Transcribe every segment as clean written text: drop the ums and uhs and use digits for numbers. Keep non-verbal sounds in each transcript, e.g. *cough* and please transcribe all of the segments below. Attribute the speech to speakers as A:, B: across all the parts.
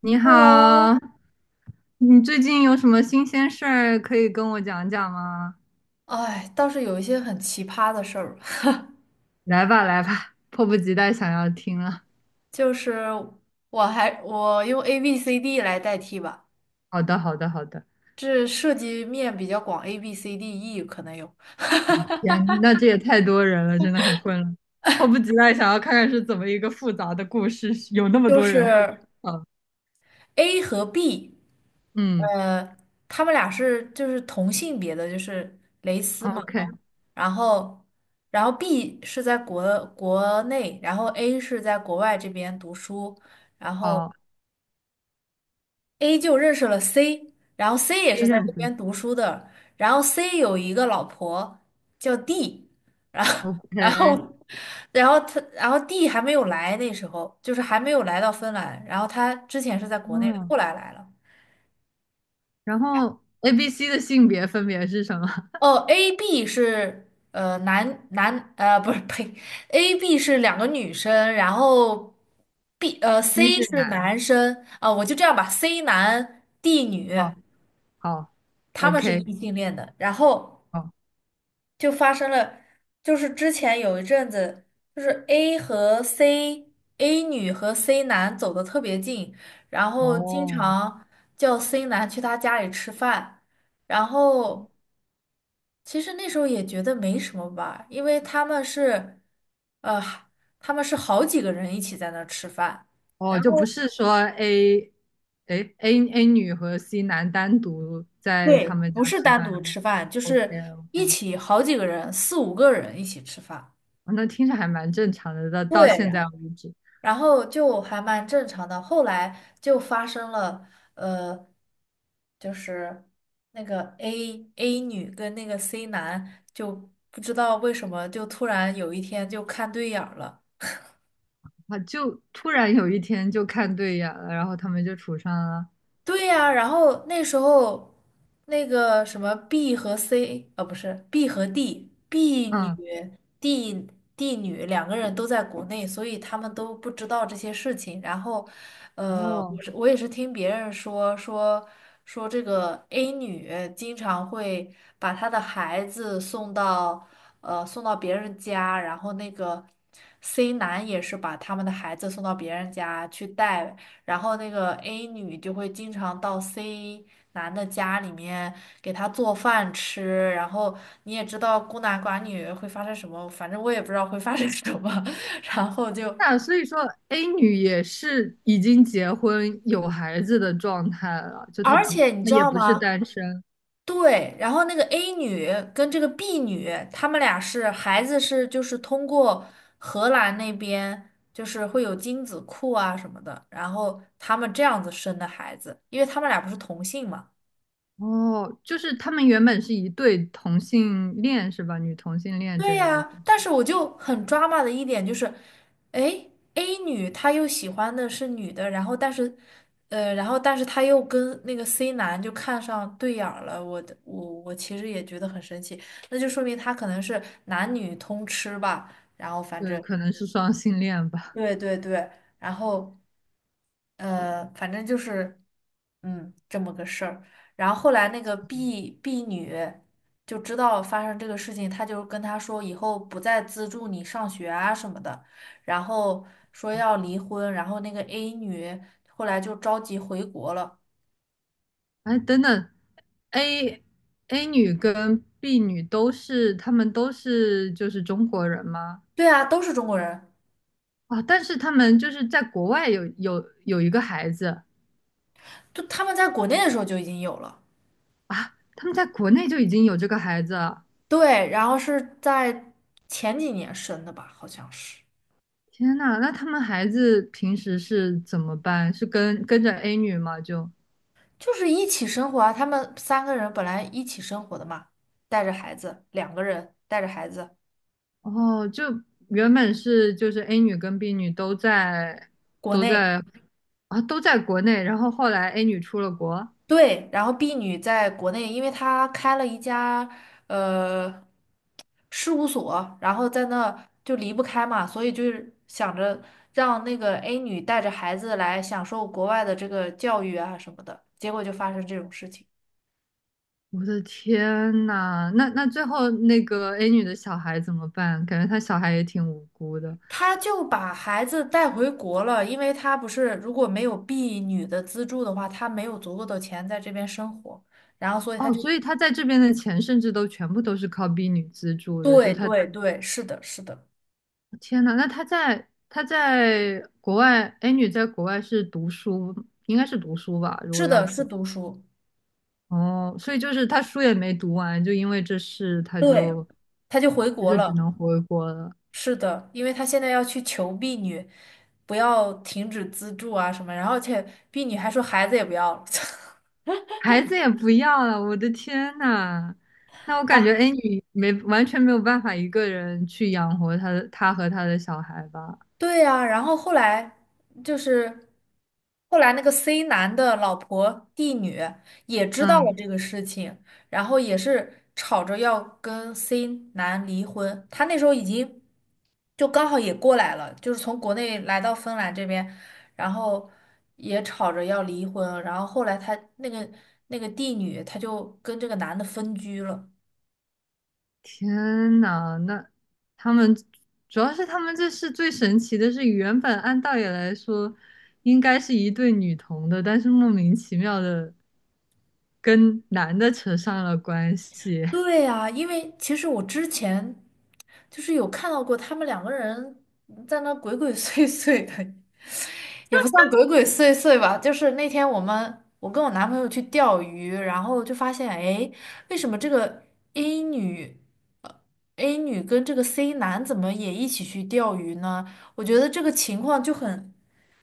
A: 你
B: Hello,
A: 好，你最近有什么新鲜事儿可以跟我讲讲吗？
B: 哎，倒是有一些很奇葩的事儿，*laughs*
A: 来吧，来吧，迫不及待想要听了。
B: 就是我用 A B C D 来代替吧，
A: 好的，好的，好的。
B: 这涉及面比较广，A B C D E 可能有，
A: 哦，天，那这也太多人了，真的很混乱。迫不及待想要看看是怎么一个复杂的故事，有那么
B: 就
A: 多人会。
B: 是
A: 嗯
B: A 和 B，
A: 嗯
B: 呃，他们俩是就是同性别的，就是蕾丝嘛，哦，
A: ，OK，
B: 然后然后 B 是在国内，然后 A 是在国外这边读书，然后。
A: 好
B: A 就认识了 C，然后 C 也
A: ，A
B: 是在
A: 认
B: 这
A: 识
B: 边读书的，然后 C 有一个老婆叫 D，然后 *laughs* 然
A: ，OK，
B: 后然后他然后 D 还没有来，那时候就是还没有来到芬兰，然后他之前是在国内的，
A: 嗯，
B: 后来来了。
A: 然后 A、B、C 的性别分别是什么
B: 哦，A B 是呃男男呃不是呸，A B 是两个女生，然后
A: ？C
B: C
A: 是
B: 是
A: 男，
B: 男生啊，我就这样吧，C 男 D 女，
A: 好，好
B: 他们是异
A: ，OK，
B: 性恋的，然后。
A: 好，
B: 就发生了，就是之前有一阵子，就是 A 和 C，A 女和 C 男走得特别近，然后经
A: 哦。
B: 常叫 C 男去他家里吃饭，然后其实那时候也觉得没什么吧，因为他们是，呃，他们是好几个人一起在那儿吃饭，
A: 哦，
B: 然
A: 就不
B: 后
A: 是说 A，哎 A 女和 C 男单独在
B: 对，
A: 他们家
B: 不是
A: 吃
B: 单
A: 饭
B: 独
A: 的
B: 吃饭，就
A: OK
B: 是一
A: OK，
B: 起好几个人，四五个人一起吃饭。
A: 那听着还蛮正常的，到现
B: 对，
A: 在为止，
B: 然后就还蛮正常的。后来就发生了，呃，就是那个 A 女跟那个 C 男就不知道为什么就突然有一天就看对眼儿了。
A: 啊，就突然有一天就看对眼了，然后他们就处上了。
B: 对呀，然后那时候那个什么 B 和 C，呃，不是 B 和 D，B 女、
A: 嗯，
B: D D 女两个人都在国内，所以他们都不知道这些事情。然后，我
A: 哦，
B: 是我也是听别人说这个 A 女经常会把她的孩子送到送到别人家，然后那个 C 男也是把他们的孩子送到别人家去带，然后那个 A 女就会经常到 C 男的家里面给他做饭吃，然后你也知道孤男寡女会发生什么，反正我也不知道会发生什么，*laughs* 然后就
A: 那所以说 A 女也是已经结婚有孩子的状态了，
B: *laughs*，
A: 就她
B: 而
A: 不，
B: 且你
A: 她
B: 知
A: 也
B: 道
A: 不是
B: 吗？
A: 单身。
B: 对，然后那个 A 女跟这个 B 女，她们俩是孩子是就是通过荷兰那边。就是会有精子库啊什么的，然后他们这样子生的孩子，因为他们俩不是同性嘛。
A: 哦，就是他们原本是一对同性恋是吧？女同性恋这
B: 对
A: 样子。
B: 呀，但是我就很 drama 的一点就是，哎，A 女她又喜欢的是女的，然后但是，然后但是她又跟那个 C 男就看上对眼儿了，我的我我其实也觉得很生气，那就说明他可能是男女通吃吧，然后反
A: 对，
B: 正
A: 可能是双性恋吧。
B: 对对对，然后。反正就是，嗯，这么个事儿。然后后来那个 B 女就知道发生这个事情，她就跟他说以后不再资助你上学啊什么的，然后说要离婚。然后那个 A 女后来就着急回国了。
A: 哎，等等，A A 女跟 B 女都是，她们都是就是中国人吗？
B: 对啊，都是中国人，
A: 啊，但是她们就是在国外有一个孩子
B: 就他们在国内的时候就已经有了。
A: 啊，她们在国内就已经有这个孩子了。
B: 对，然后是在前几年生的吧，好像是。
A: 天呐，那他们孩子平时是怎么办？是跟着 A 女吗？就
B: 就是一起生活啊，他们三个人本来一起生活的嘛，带着孩子，两个人带着孩子，
A: 哦，就原本是就是 A 女跟 B 女都在
B: 国
A: 都
B: 内，
A: 在啊都在国内，然后后来 A 女出了国。
B: 对，然后 B 女在国内，因为她开了一家呃事务所，然后在那就离不开嘛，所以就是想着让那个 A 女带着孩子来享受国外的这个教育啊什么的，结果就发生这种事情。
A: 我的天呐，那那最后那个 A 女的小孩怎么办？感觉她小孩也挺无辜的
B: 他就把孩子带回国了，因为他不是如果没有婢女的资助的话，他没有足够的钱在这边生活，然后所以他
A: 哦，
B: 就，
A: 所以她在这边的钱甚至都全部都是靠 B 女资助的，就
B: 对
A: 她，
B: 对对，是的，是的，
A: 天呐，那她在国外，A 女在国外是读书，应该是读书吧，如
B: 是
A: 果要
B: 的，是
A: 走
B: 读书，
A: 哦，所以就是她书也没读完，就因为这事，她
B: 对，
A: 就
B: 他就回
A: 她
B: 国
A: 就只
B: 了，
A: 能回国了。
B: 是的，因为他现在要去求婢女，不要停止资助啊什么，然后而且婢女还说孩子也不要了，
A: 孩子也不要了，我的天呐！那我感觉，
B: *laughs*
A: 哎，你没完全没有办法一个人去养活他的，他和他的小孩吧？
B: 对呀，然后后来就是后来那个 C 男的老婆 D 女也知道
A: 嗯，
B: 了这个事情，然后也是吵着要跟 C 男离婚。他那时候已经就刚好也过来了，就是从国内来到芬兰这边，然后也吵着要离婚。然后后来他那个那个 D 女，她就跟这个男的分居了。
A: 天呐，那他们主要是他们这是最神奇的是，原本按道理来说应该是一对女童的，但是莫名其妙的跟男的扯上了关系。
B: 对呀，因为其实我之前就是有看到过他们两个人在那鬼鬼祟祟的，也不算鬼鬼祟祟吧，就是那天我们我跟我男朋友去钓鱼，然后就发现，哎，为什么这个 A 女，呃，A 女跟这个 C 男怎么也一起去钓鱼呢？我觉得这个情况就很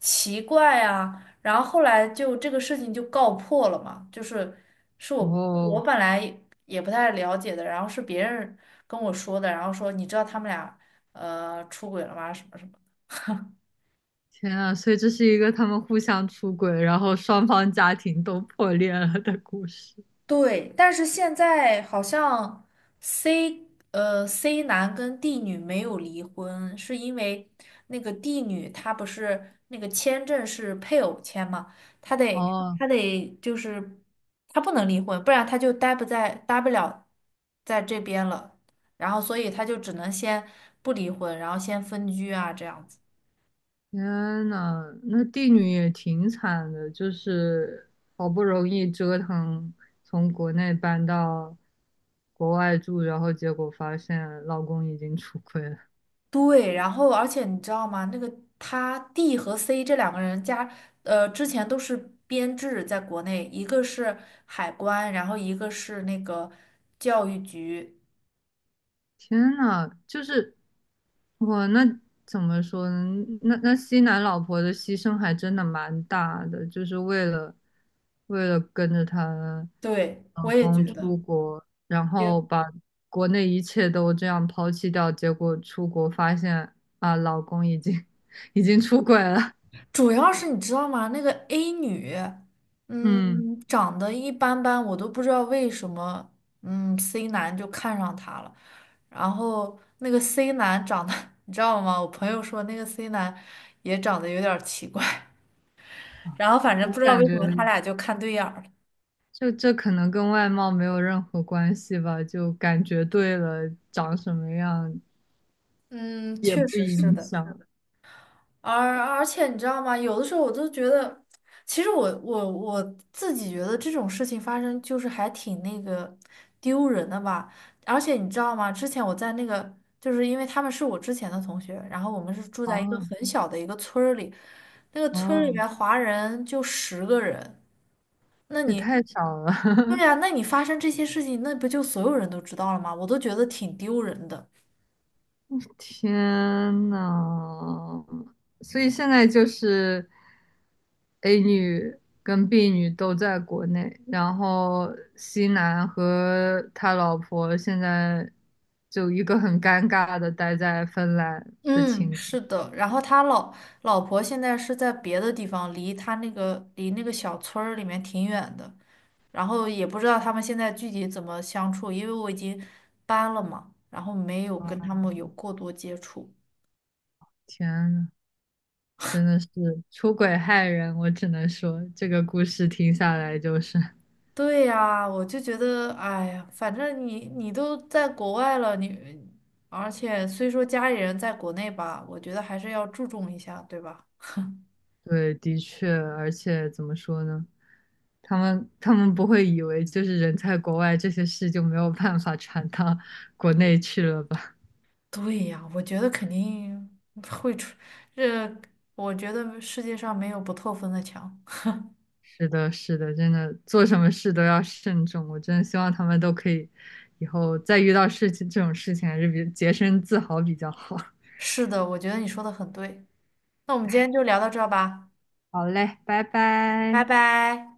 B: 奇怪啊。然后后来就这个事情就告破了嘛，就是是我
A: 哦，
B: 本来也不太了解的，然后是别人跟我说的，然后说你知道他们俩出轨了吗？什么什么。
A: 天啊！所以这是一个他们互相出轨，然后双方家庭都破裂了的故事。
B: 对，但是现在好像 C 男跟 D 女没有离婚，是因为那个 D 女她不是那个签证是配偶签嘛，她得
A: 哦，
B: 她得就是她不能离婚，不然她就待不了在这边了，然后所以她就只能先不离婚，然后先分居啊这样子。
A: 天呐，那帝女也挺惨的，就是好不容易折腾从国内搬到国外住，然后结果发现老公已经出轨了。
B: 对，然后而且你知道吗？那个他 D 和 C 这两个人加，之前都是编制，在国内，一个是海关，然后一个是那个教育局。
A: 天呐，就是哇，那怎么说呢？那那西南老婆的牺牲还真的蛮大的，就是为了跟着她
B: 对，
A: 老
B: 我也
A: 公
B: 觉得，
A: 出国，然后
B: 也
A: 把国内一切都这样抛弃掉，结果出国发现啊，老公已经 *laughs* 已经出轨了。
B: 主要是你知道吗？那个 A 女，
A: 嗯，
B: 嗯，长得一般般，我都不知道为什么，嗯，C 男就看上她了。然后那个 C 男长得，*laughs* 你知道吗？我朋友说那个 C 男也长得有点儿奇怪。然后反正
A: 我
B: 不知道
A: 感
B: 为
A: 觉
B: 什么他俩就看对眼儿了。
A: 就这可能跟外貌没有任何关系吧，就感觉对了，长什么样
B: 嗯，
A: 也
B: 确
A: 不
B: 实是
A: 影
B: 的。
A: 响。
B: 而且你知道吗？有的时候我都觉得，其实我自己觉得这种事情发生就是还挺那个丢人的吧。而且你知道吗？之前我在那个，就是因为他们是我之前的同学，然后我们是住在一个
A: 哦
B: 很小的一个村儿里，那个村儿里
A: 哦，
B: 面华人就十个人。那
A: 这
B: 你，
A: 太少了，
B: 对呀，那你发生这些事情，那不就所有人都知道了吗？我都觉得挺丢人的。
A: *laughs* 天呐！所以现在就是 A 女跟 B 女都在国内，然后 C 男和他老婆现在就一个很尴尬的待在芬兰的
B: 嗯，
A: 情况。
B: 是的。然后他老婆现在是在别的地方，离他那个离那个小村儿里面挺远的。然后也不知道他们现在具体怎么相处，因为我已经搬了嘛，然后没有跟他们有过多接触。
A: 天呐，真的是出轨害人，我只能说这个故事听下来就是。
B: 对呀，我就觉得，哎呀，反正你都在国外了，你而且虽说家里人在国内吧，我觉得还是要注重一下，对吧？
A: 对，的确，而且怎么说呢？他们不会以为就是人在国外这些事就没有办法传到 *laughs* 国内去了吧？
B: 对呀，我觉得肯定会出，这我觉得世界上没有不透风的墙。
A: 是的，是的，真的做什么事都要慎重。我真的希望他们都可以以后再遇到这种事情，还是比节身自好比较好。
B: 是的，我觉得你说的很对。那我们今天就聊到这儿吧，
A: 好嘞，拜
B: 拜
A: 拜。
B: 拜。